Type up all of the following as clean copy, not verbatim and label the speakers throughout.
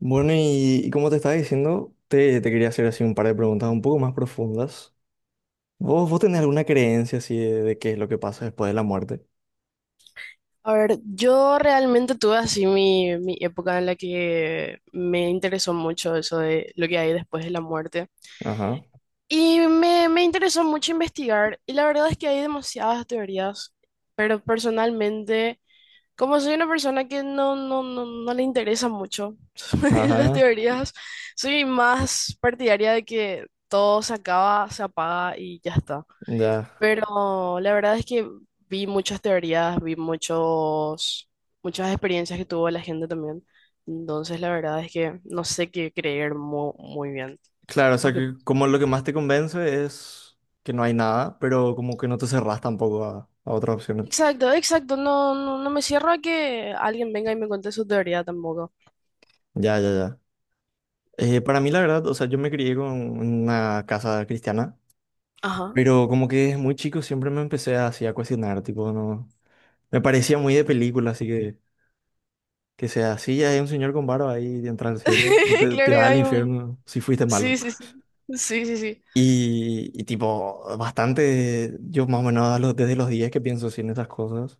Speaker 1: Bueno, y como te estaba diciendo, te quería hacer así un par de preguntas un poco más profundas. ¿Vos tenés alguna creencia así de qué es lo que pasa después de la muerte?
Speaker 2: A ver, yo realmente tuve así mi época en la que me interesó mucho eso de lo que hay después de la muerte.
Speaker 1: Ajá,
Speaker 2: Y me interesó mucho investigar. Y la verdad es que hay demasiadas teorías. Pero personalmente, como soy una persona que no le interesa mucho las
Speaker 1: ajá,
Speaker 2: teorías, soy más partidaria de que todo se acaba, se apaga y ya está.
Speaker 1: ya.
Speaker 2: Pero la verdad es que vi muchas teorías, vi muchos, muchas experiencias que tuvo la gente también. Entonces, la verdad es que no sé qué creer muy, bien.
Speaker 1: Claro, o
Speaker 2: ¿Vos
Speaker 1: sea,
Speaker 2: qué-
Speaker 1: que como lo que más te convence es que no hay nada, pero como que no te cerrás tampoco a otras opciones.
Speaker 2: Exacto, exacto. No, no, no me cierro a que alguien venga y me cuente su teoría tampoco.
Speaker 1: Ya, ya, ya. Para mí, la verdad, o sea, yo me crié con una casa cristiana,
Speaker 2: Ajá.
Speaker 1: pero como que desde muy chico siempre me empecé así a cuestionar, tipo, no. Me parecía muy de película, así que. Que sea así, ya hay un señor con barba ahí entra al cielo, o te,
Speaker 2: Claro
Speaker 1: te vas
Speaker 2: que
Speaker 1: al
Speaker 2: hay un...
Speaker 1: infierno si fuiste
Speaker 2: Sí,
Speaker 1: malo.
Speaker 2: sí, sí. Sí, sí, sí.
Speaker 1: Y tipo, bastante, yo más o menos a los- desde los días que pienso así en esas cosas.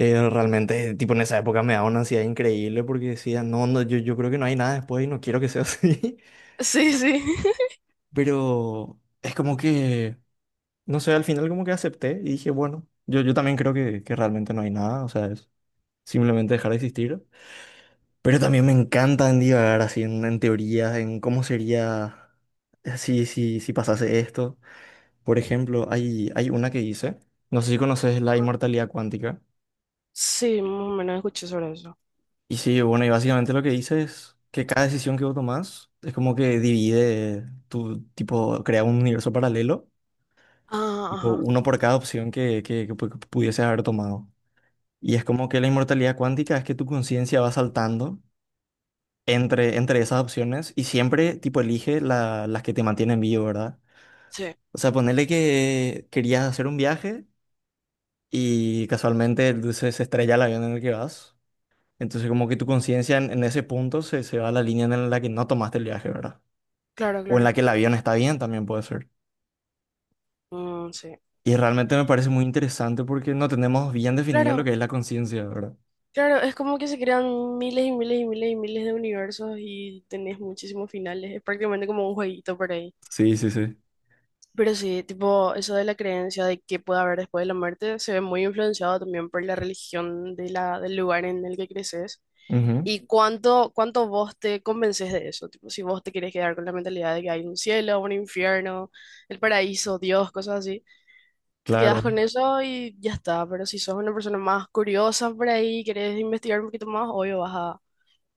Speaker 1: Realmente, tipo, en esa época me daba una ansiedad increíble porque decía, no, no, yo creo que no hay nada después y no quiero que sea así.
Speaker 2: Sí, sí.
Speaker 1: Pero es como que, no sé, al final como que acepté y dije, bueno, yo también creo que realmente no hay nada, o sea, es simplemente dejar de existir. Pero también me encanta en divagar así en teorías, en cómo sería si pasase esto. Por ejemplo, hay una que hice, no sé si conoces la
Speaker 2: Ajá.
Speaker 1: inmortalidad cuántica.
Speaker 2: Sí, más o menos escuché sobre eso.
Speaker 1: Y sí, bueno, y básicamente lo que dice es que cada decisión que vos tomás es como que divide tu, tipo, crea un universo paralelo,
Speaker 2: Ah,
Speaker 1: tipo
Speaker 2: ajá.
Speaker 1: uno por cada opción que pudieses haber tomado. Y es como que la inmortalidad cuántica es que tu conciencia va saltando entre esas opciones y siempre tipo elige la- las que te mantienen vivo, ¿verdad?
Speaker 2: Sí,
Speaker 1: O sea, ponerle que querías hacer un viaje y casualmente el dulce se estrella el avión en el que vas. Entonces como que tu conciencia en ese punto se va a la línea en la que no tomaste el viaje, ¿verdad?
Speaker 2: claro,
Speaker 1: O en la
Speaker 2: claro.
Speaker 1: que el avión está bien también puede ser.
Speaker 2: Mm, sí.
Speaker 1: Y realmente me parece muy interesante porque no tenemos bien definido lo que
Speaker 2: Claro.
Speaker 1: es la conciencia, ¿verdad?
Speaker 2: Claro, es como que se crean miles y miles y miles y miles de universos y tenés muchísimos finales. Es prácticamente como un jueguito por ahí.
Speaker 1: Sí, sí, sí.
Speaker 2: Pero sí, tipo, eso de la creencia de que puede haber después de la muerte se ve muy influenciado también por la religión de del lugar en el que creces.
Speaker 1: Ujú.
Speaker 2: ¿Y cuánto, cuánto vos te convences de eso? Tipo, si vos te querés quedar con la mentalidad de que hay un cielo, un infierno, el paraíso, Dios, cosas así, te quedás
Speaker 1: Claro.
Speaker 2: con eso y ya está. Pero si sos una persona más curiosa por ahí, querés investigar un poquito más, obvio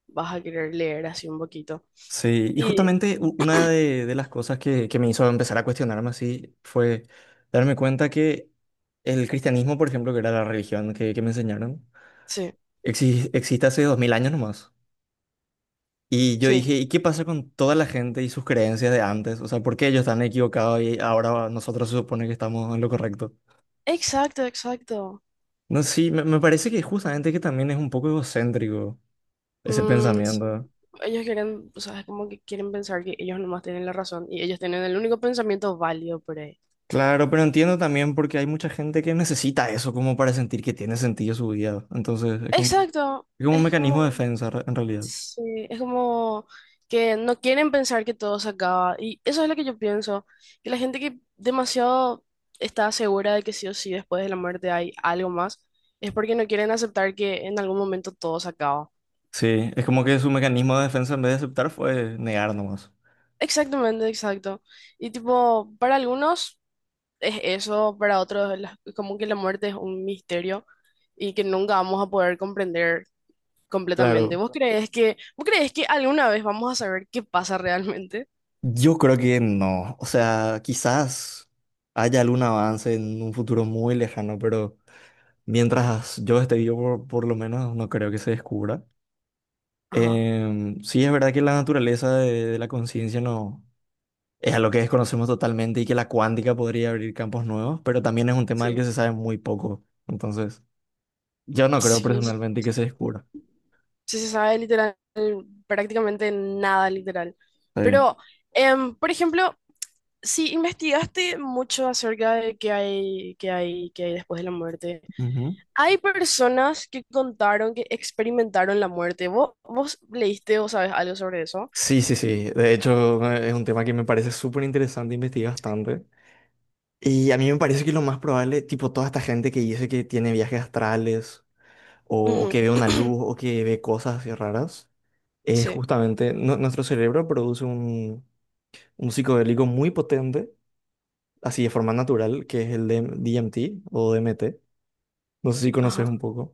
Speaker 2: vas a querer leer así un poquito.
Speaker 1: Sí, y
Speaker 2: Y
Speaker 1: justamente u- una de las cosas que me hizo empezar a cuestionarme así fue darme cuenta que el cristianismo, por ejemplo, que era la religión que me enseñaron,
Speaker 2: sí,
Speaker 1: exi- existe hace dos mil años nomás. Y yo
Speaker 2: sí,
Speaker 1: dije, ¿y qué pasa con toda la gente y sus creencias de antes? O sea, ¿por qué ellos están equivocados y ahora nosotros se supone que estamos en lo correcto?
Speaker 2: exacto, exacto.
Speaker 1: No, sí, me parece que justamente que también es un poco egocéntrico ese
Speaker 2: Mm, s-
Speaker 1: pensamiento.
Speaker 2: ellos quieren, o sea, es como que quieren pensar que ellos nomás tienen la razón y ellos tienen el único pensamiento válido por ahí.
Speaker 1: Claro, pero entiendo también porque hay mucha gente que necesita eso como para sentir que tiene sentido su vida. Entonces,
Speaker 2: Exacto,
Speaker 1: es como un
Speaker 2: es
Speaker 1: mecanismo de
Speaker 2: como,
Speaker 1: defensa re- en realidad.
Speaker 2: sí, es como que no quieren pensar que todo se acaba. Y eso es lo que yo pienso, que la gente que demasiado está segura de que sí o sí después de la muerte hay algo más, es porque no quieren aceptar que en algún momento todo se acaba.
Speaker 1: Sí, es como que su mecanismo de defensa en vez de aceptar fue negar nomás.
Speaker 2: Exactamente, exacto. Y tipo, para algunos es eso, para otros es como que la muerte es un misterio y que nunca vamos a poder comprender completamente.
Speaker 1: Claro,
Speaker 2: Vos crees que alguna vez vamos a saber qué pasa realmente?
Speaker 1: yo creo que no. O sea, quizás haya algún avance en un futuro muy lejano, pero mientras yo esté vivo, por lo menos no creo que se descubra.
Speaker 2: Ajá,
Speaker 1: Sí, es verdad que la naturaleza de la conciencia no es algo que desconocemos totalmente y que la cuántica podría abrir campos nuevos, pero también es un tema del que
Speaker 2: sí.
Speaker 1: se sabe muy poco. Entonces, yo no creo
Speaker 2: Sí, no se
Speaker 1: personalmente que se descubra.
Speaker 2: sí se sabe literal, prácticamente nada literal.
Speaker 1: Sí.
Speaker 2: Pero, por ejemplo, sí, investigaste mucho acerca de qué hay, qué hay, qué hay después de la muerte.
Speaker 1: Ujú.
Speaker 2: Hay personas que contaron que experimentaron la muerte. ¿Vos, vos leíste o sabes algo sobre eso?
Speaker 1: Sí, sí, sí. De hecho, es un tema que me parece súper interesante, investigué bastante. Y a mí me parece que lo más probable, tipo toda esta gente que dice que tiene viajes astrales o
Speaker 2: Ujú.
Speaker 1: que ve una luz o que ve cosas así raras, es
Speaker 2: Sí,
Speaker 1: justamente nu- nuestro cerebro produce un psicodélico muy potente así de forma natural, que es el de DMT o DMT. No sé si conoces
Speaker 2: ajá.
Speaker 1: un poco.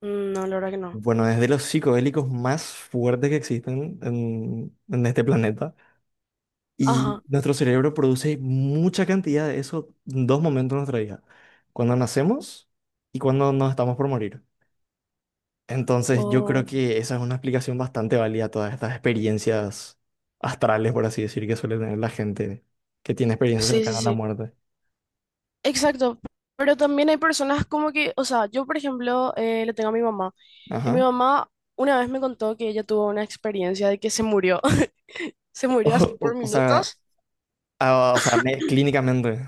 Speaker 2: No, la verdad que no.
Speaker 1: Bueno, es de los psicodélicos más fuertes que existen en este planeta. Y
Speaker 2: Ajá.
Speaker 1: nuestro cerebro produce mucha cantidad de eso en dos momentos de nuestra vida. Cuando nacemos y cuando nos estamos por morir. Entonces yo creo
Speaker 2: Wow.
Speaker 1: que esa es una explicación bastante válida a todas estas experiencias astrales, por así decir, que suele tener la gente que tiene experiencias
Speaker 2: Sí, sí,
Speaker 1: cercanas a la
Speaker 2: sí.
Speaker 1: muerte.
Speaker 2: Exacto, pero también hay personas como que, o sea, yo por ejemplo le tengo a mi mamá y mi
Speaker 1: Ajá.
Speaker 2: mamá una vez me contó que ella tuvo una experiencia de que se murió, se
Speaker 1: O,
Speaker 2: murió así por
Speaker 1: o sea,
Speaker 2: minutos.
Speaker 1: ah, o sea, me- clínicamente.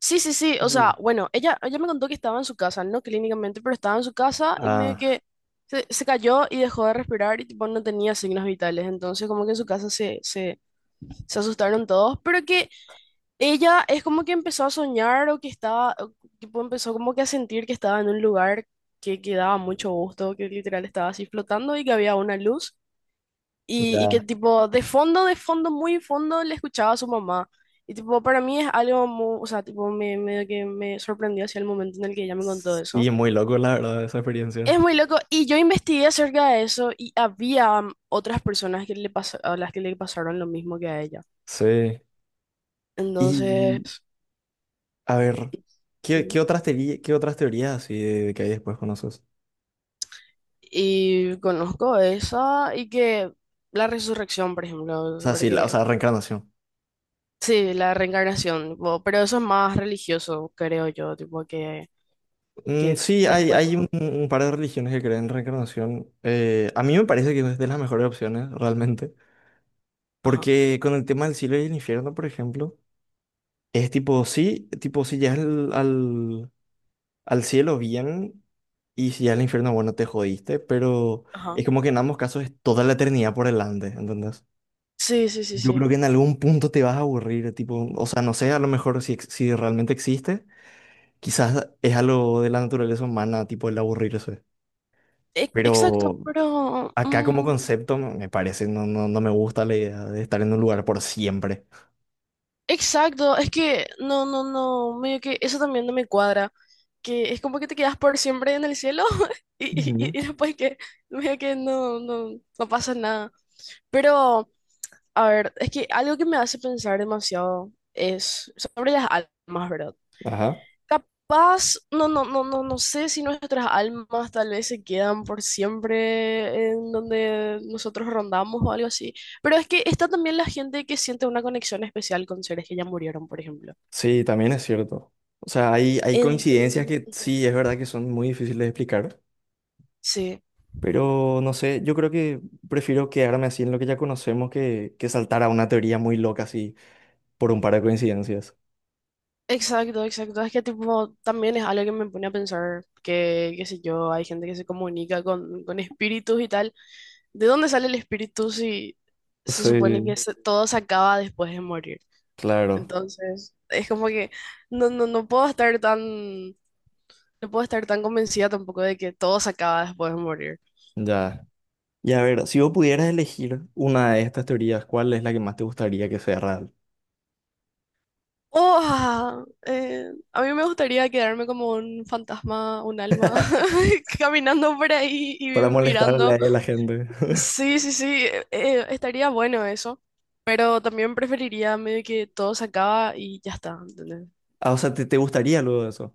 Speaker 2: Sí, sí, sí, o
Speaker 1: Uh,
Speaker 2: sea, bueno, ella me contó que estaba en su casa, no clínicamente, pero estaba en su casa y medio
Speaker 1: Ah,
Speaker 2: que se cayó y dejó de respirar y tipo no tenía signos vitales, entonces como que en su casa se asustaron todos, pero que ella es como que empezó a soñar o que estaba, o tipo empezó como que a sentir que estaba en un lugar que daba mucho gusto, que literal estaba así flotando y que había una luz y
Speaker 1: ya.
Speaker 2: que tipo de fondo, muy fondo le escuchaba a su mamá. Y tipo para mí es algo muy, o sea, tipo me, medio que me sorprendió hacia el momento en el que ella me contó eso.
Speaker 1: Sí, muy loco, la verdad, esa
Speaker 2: Es
Speaker 1: experiencia.
Speaker 2: muy loco y yo investigué acerca de eso y había otras personas que a las que le pasaron lo mismo que a ella.
Speaker 1: Sí. Y,
Speaker 2: Entonces...
Speaker 1: a ver, ¿qué,
Speaker 2: ujú.
Speaker 1: qué otras teorías así de que hay después conoces?
Speaker 2: Y conozco esa y que la resurrección, por ejemplo,
Speaker 1: O sea, sí, la, o
Speaker 2: porque
Speaker 1: sea, reencarnación.
Speaker 2: sí, la reencarnación, tipo, pero eso es más religioso, creo yo, tipo que
Speaker 1: Sí, hay,
Speaker 2: después de
Speaker 1: hay
Speaker 2: morir.
Speaker 1: un par de religiones que creen en reencarnación. A mí me parece que es de las mejores opciones, realmente.
Speaker 2: Ajá,
Speaker 1: Porque con el tema del cielo y el infierno, por ejemplo, es tipo, sí, tipo, si llegas al al cielo bien y si al infierno, bueno, te jodiste, pero
Speaker 2: ajá.
Speaker 1: es como que en ambos casos es toda la eternidad por delante, ¿entendés?
Speaker 2: Sí, sí, sí,
Speaker 1: Yo
Speaker 2: sí.
Speaker 1: creo que en algún punto te vas a aburrir, tipo, o sea, no sé, a lo mejor si, ex- si realmente existe, quizás es algo de la naturaleza humana, tipo el aburrirse.
Speaker 2: E- exacto,
Speaker 1: Pero
Speaker 2: pero
Speaker 1: acá como concepto me parece, no, no, no me gusta la idea de estar en un lugar por siempre.
Speaker 2: exacto, es que no, no, no, medio que eso también no me cuadra, que es como que te quedas por siempre en el cielo
Speaker 1: Ujú.
Speaker 2: y después que medio que no, no, no pasa nada. Pero a ver, es que algo que me hace pensar demasiado es sobre las almas, ¿verdad?
Speaker 1: Ajá.
Speaker 2: Capaz, no, no, no, no, no sé si nuestras almas tal vez se quedan por siempre en donde nosotros rondamos o algo así. Pero es que está también la gente que siente una conexión especial con seres que ya murieron, por ejemplo.
Speaker 1: Sí, también es cierto. O sea, hay coincidencias
Speaker 2: Entonces,
Speaker 1: que
Speaker 2: ujú.
Speaker 1: sí, es verdad que son muy difíciles de explicar.
Speaker 2: Sí.
Speaker 1: Pero no sé, yo creo que prefiero quedarme así en lo que ya conocemos que saltar a una teoría muy loca así por un par de coincidencias.
Speaker 2: Exacto, exacto. Es que tipo, también es algo que me pone a pensar que, qué sé yo, hay gente que se comunica con espíritus y tal. ¿De dónde sale el espíritu si se supone
Speaker 1: Sí,
Speaker 2: que todo se acaba después de morir?
Speaker 1: claro,
Speaker 2: Entonces, es como que no puedo estar tan, no puedo estar tan convencida tampoco de que todo se acaba después de morir.
Speaker 1: ya. Y a ver, si vos pudieras elegir una de estas teorías, ¿cuál es la que más te gustaría que sea real?
Speaker 2: Oh, a mí me gustaría quedarme como un fantasma, un alma, caminando por ahí y
Speaker 1: Para molestarle
Speaker 2: mirando.
Speaker 1: a la gente.
Speaker 2: Sí, sí, sí, estaría bueno eso, pero también preferiría medio que todo se acaba y ya está, ¿entendés?
Speaker 1: Ah, o sea, ¿te gustaría luego de eso?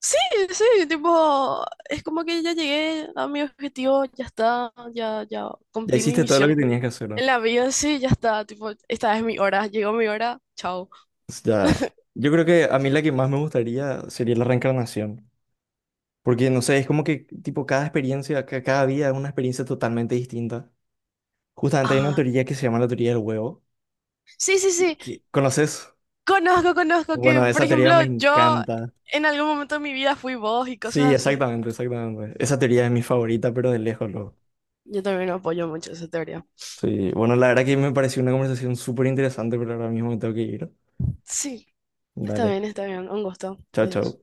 Speaker 2: Sí, sí, tipo, es como que ya llegué a mi objetivo, ya está, ya
Speaker 1: Ya
Speaker 2: cumplí mi
Speaker 1: hiciste todo lo que
Speaker 2: misión
Speaker 1: tenías que hacer, ¿no?
Speaker 2: en la vida, sí, ya está, tipo, esta es mi hora, llegó mi hora, chao.
Speaker 1: Ya. Yo creo que a mí la que más me gustaría sería la reencarnación. Porque, no sé, es como que, tipo, cada experiencia, ca- cada vida es una experiencia totalmente distinta. Justamente hay una
Speaker 2: Ah,
Speaker 1: teoría que se llama la teoría del huevo.
Speaker 2: sí, sí, sí,
Speaker 1: ¿Conoces?
Speaker 2: conozco, conozco que,
Speaker 1: Bueno,
Speaker 2: por
Speaker 1: esa teoría
Speaker 2: ejemplo,
Speaker 1: me
Speaker 2: yo
Speaker 1: encanta.
Speaker 2: en algún momento de mi vida fui vos y
Speaker 1: Sí,
Speaker 2: cosas así.
Speaker 1: exactamente, exactamente. Esa teoría es mi favorita, pero de lejos, loco.
Speaker 2: Yo también apoyo mucho esa teoría.
Speaker 1: Sí, bueno, la verdad que me pareció una conversación súper interesante, pero ahora mismo me tengo que ir.
Speaker 2: Sí,
Speaker 1: Dale,
Speaker 2: está bien, un gusto,
Speaker 1: chao,
Speaker 2: adiós.
Speaker 1: chao.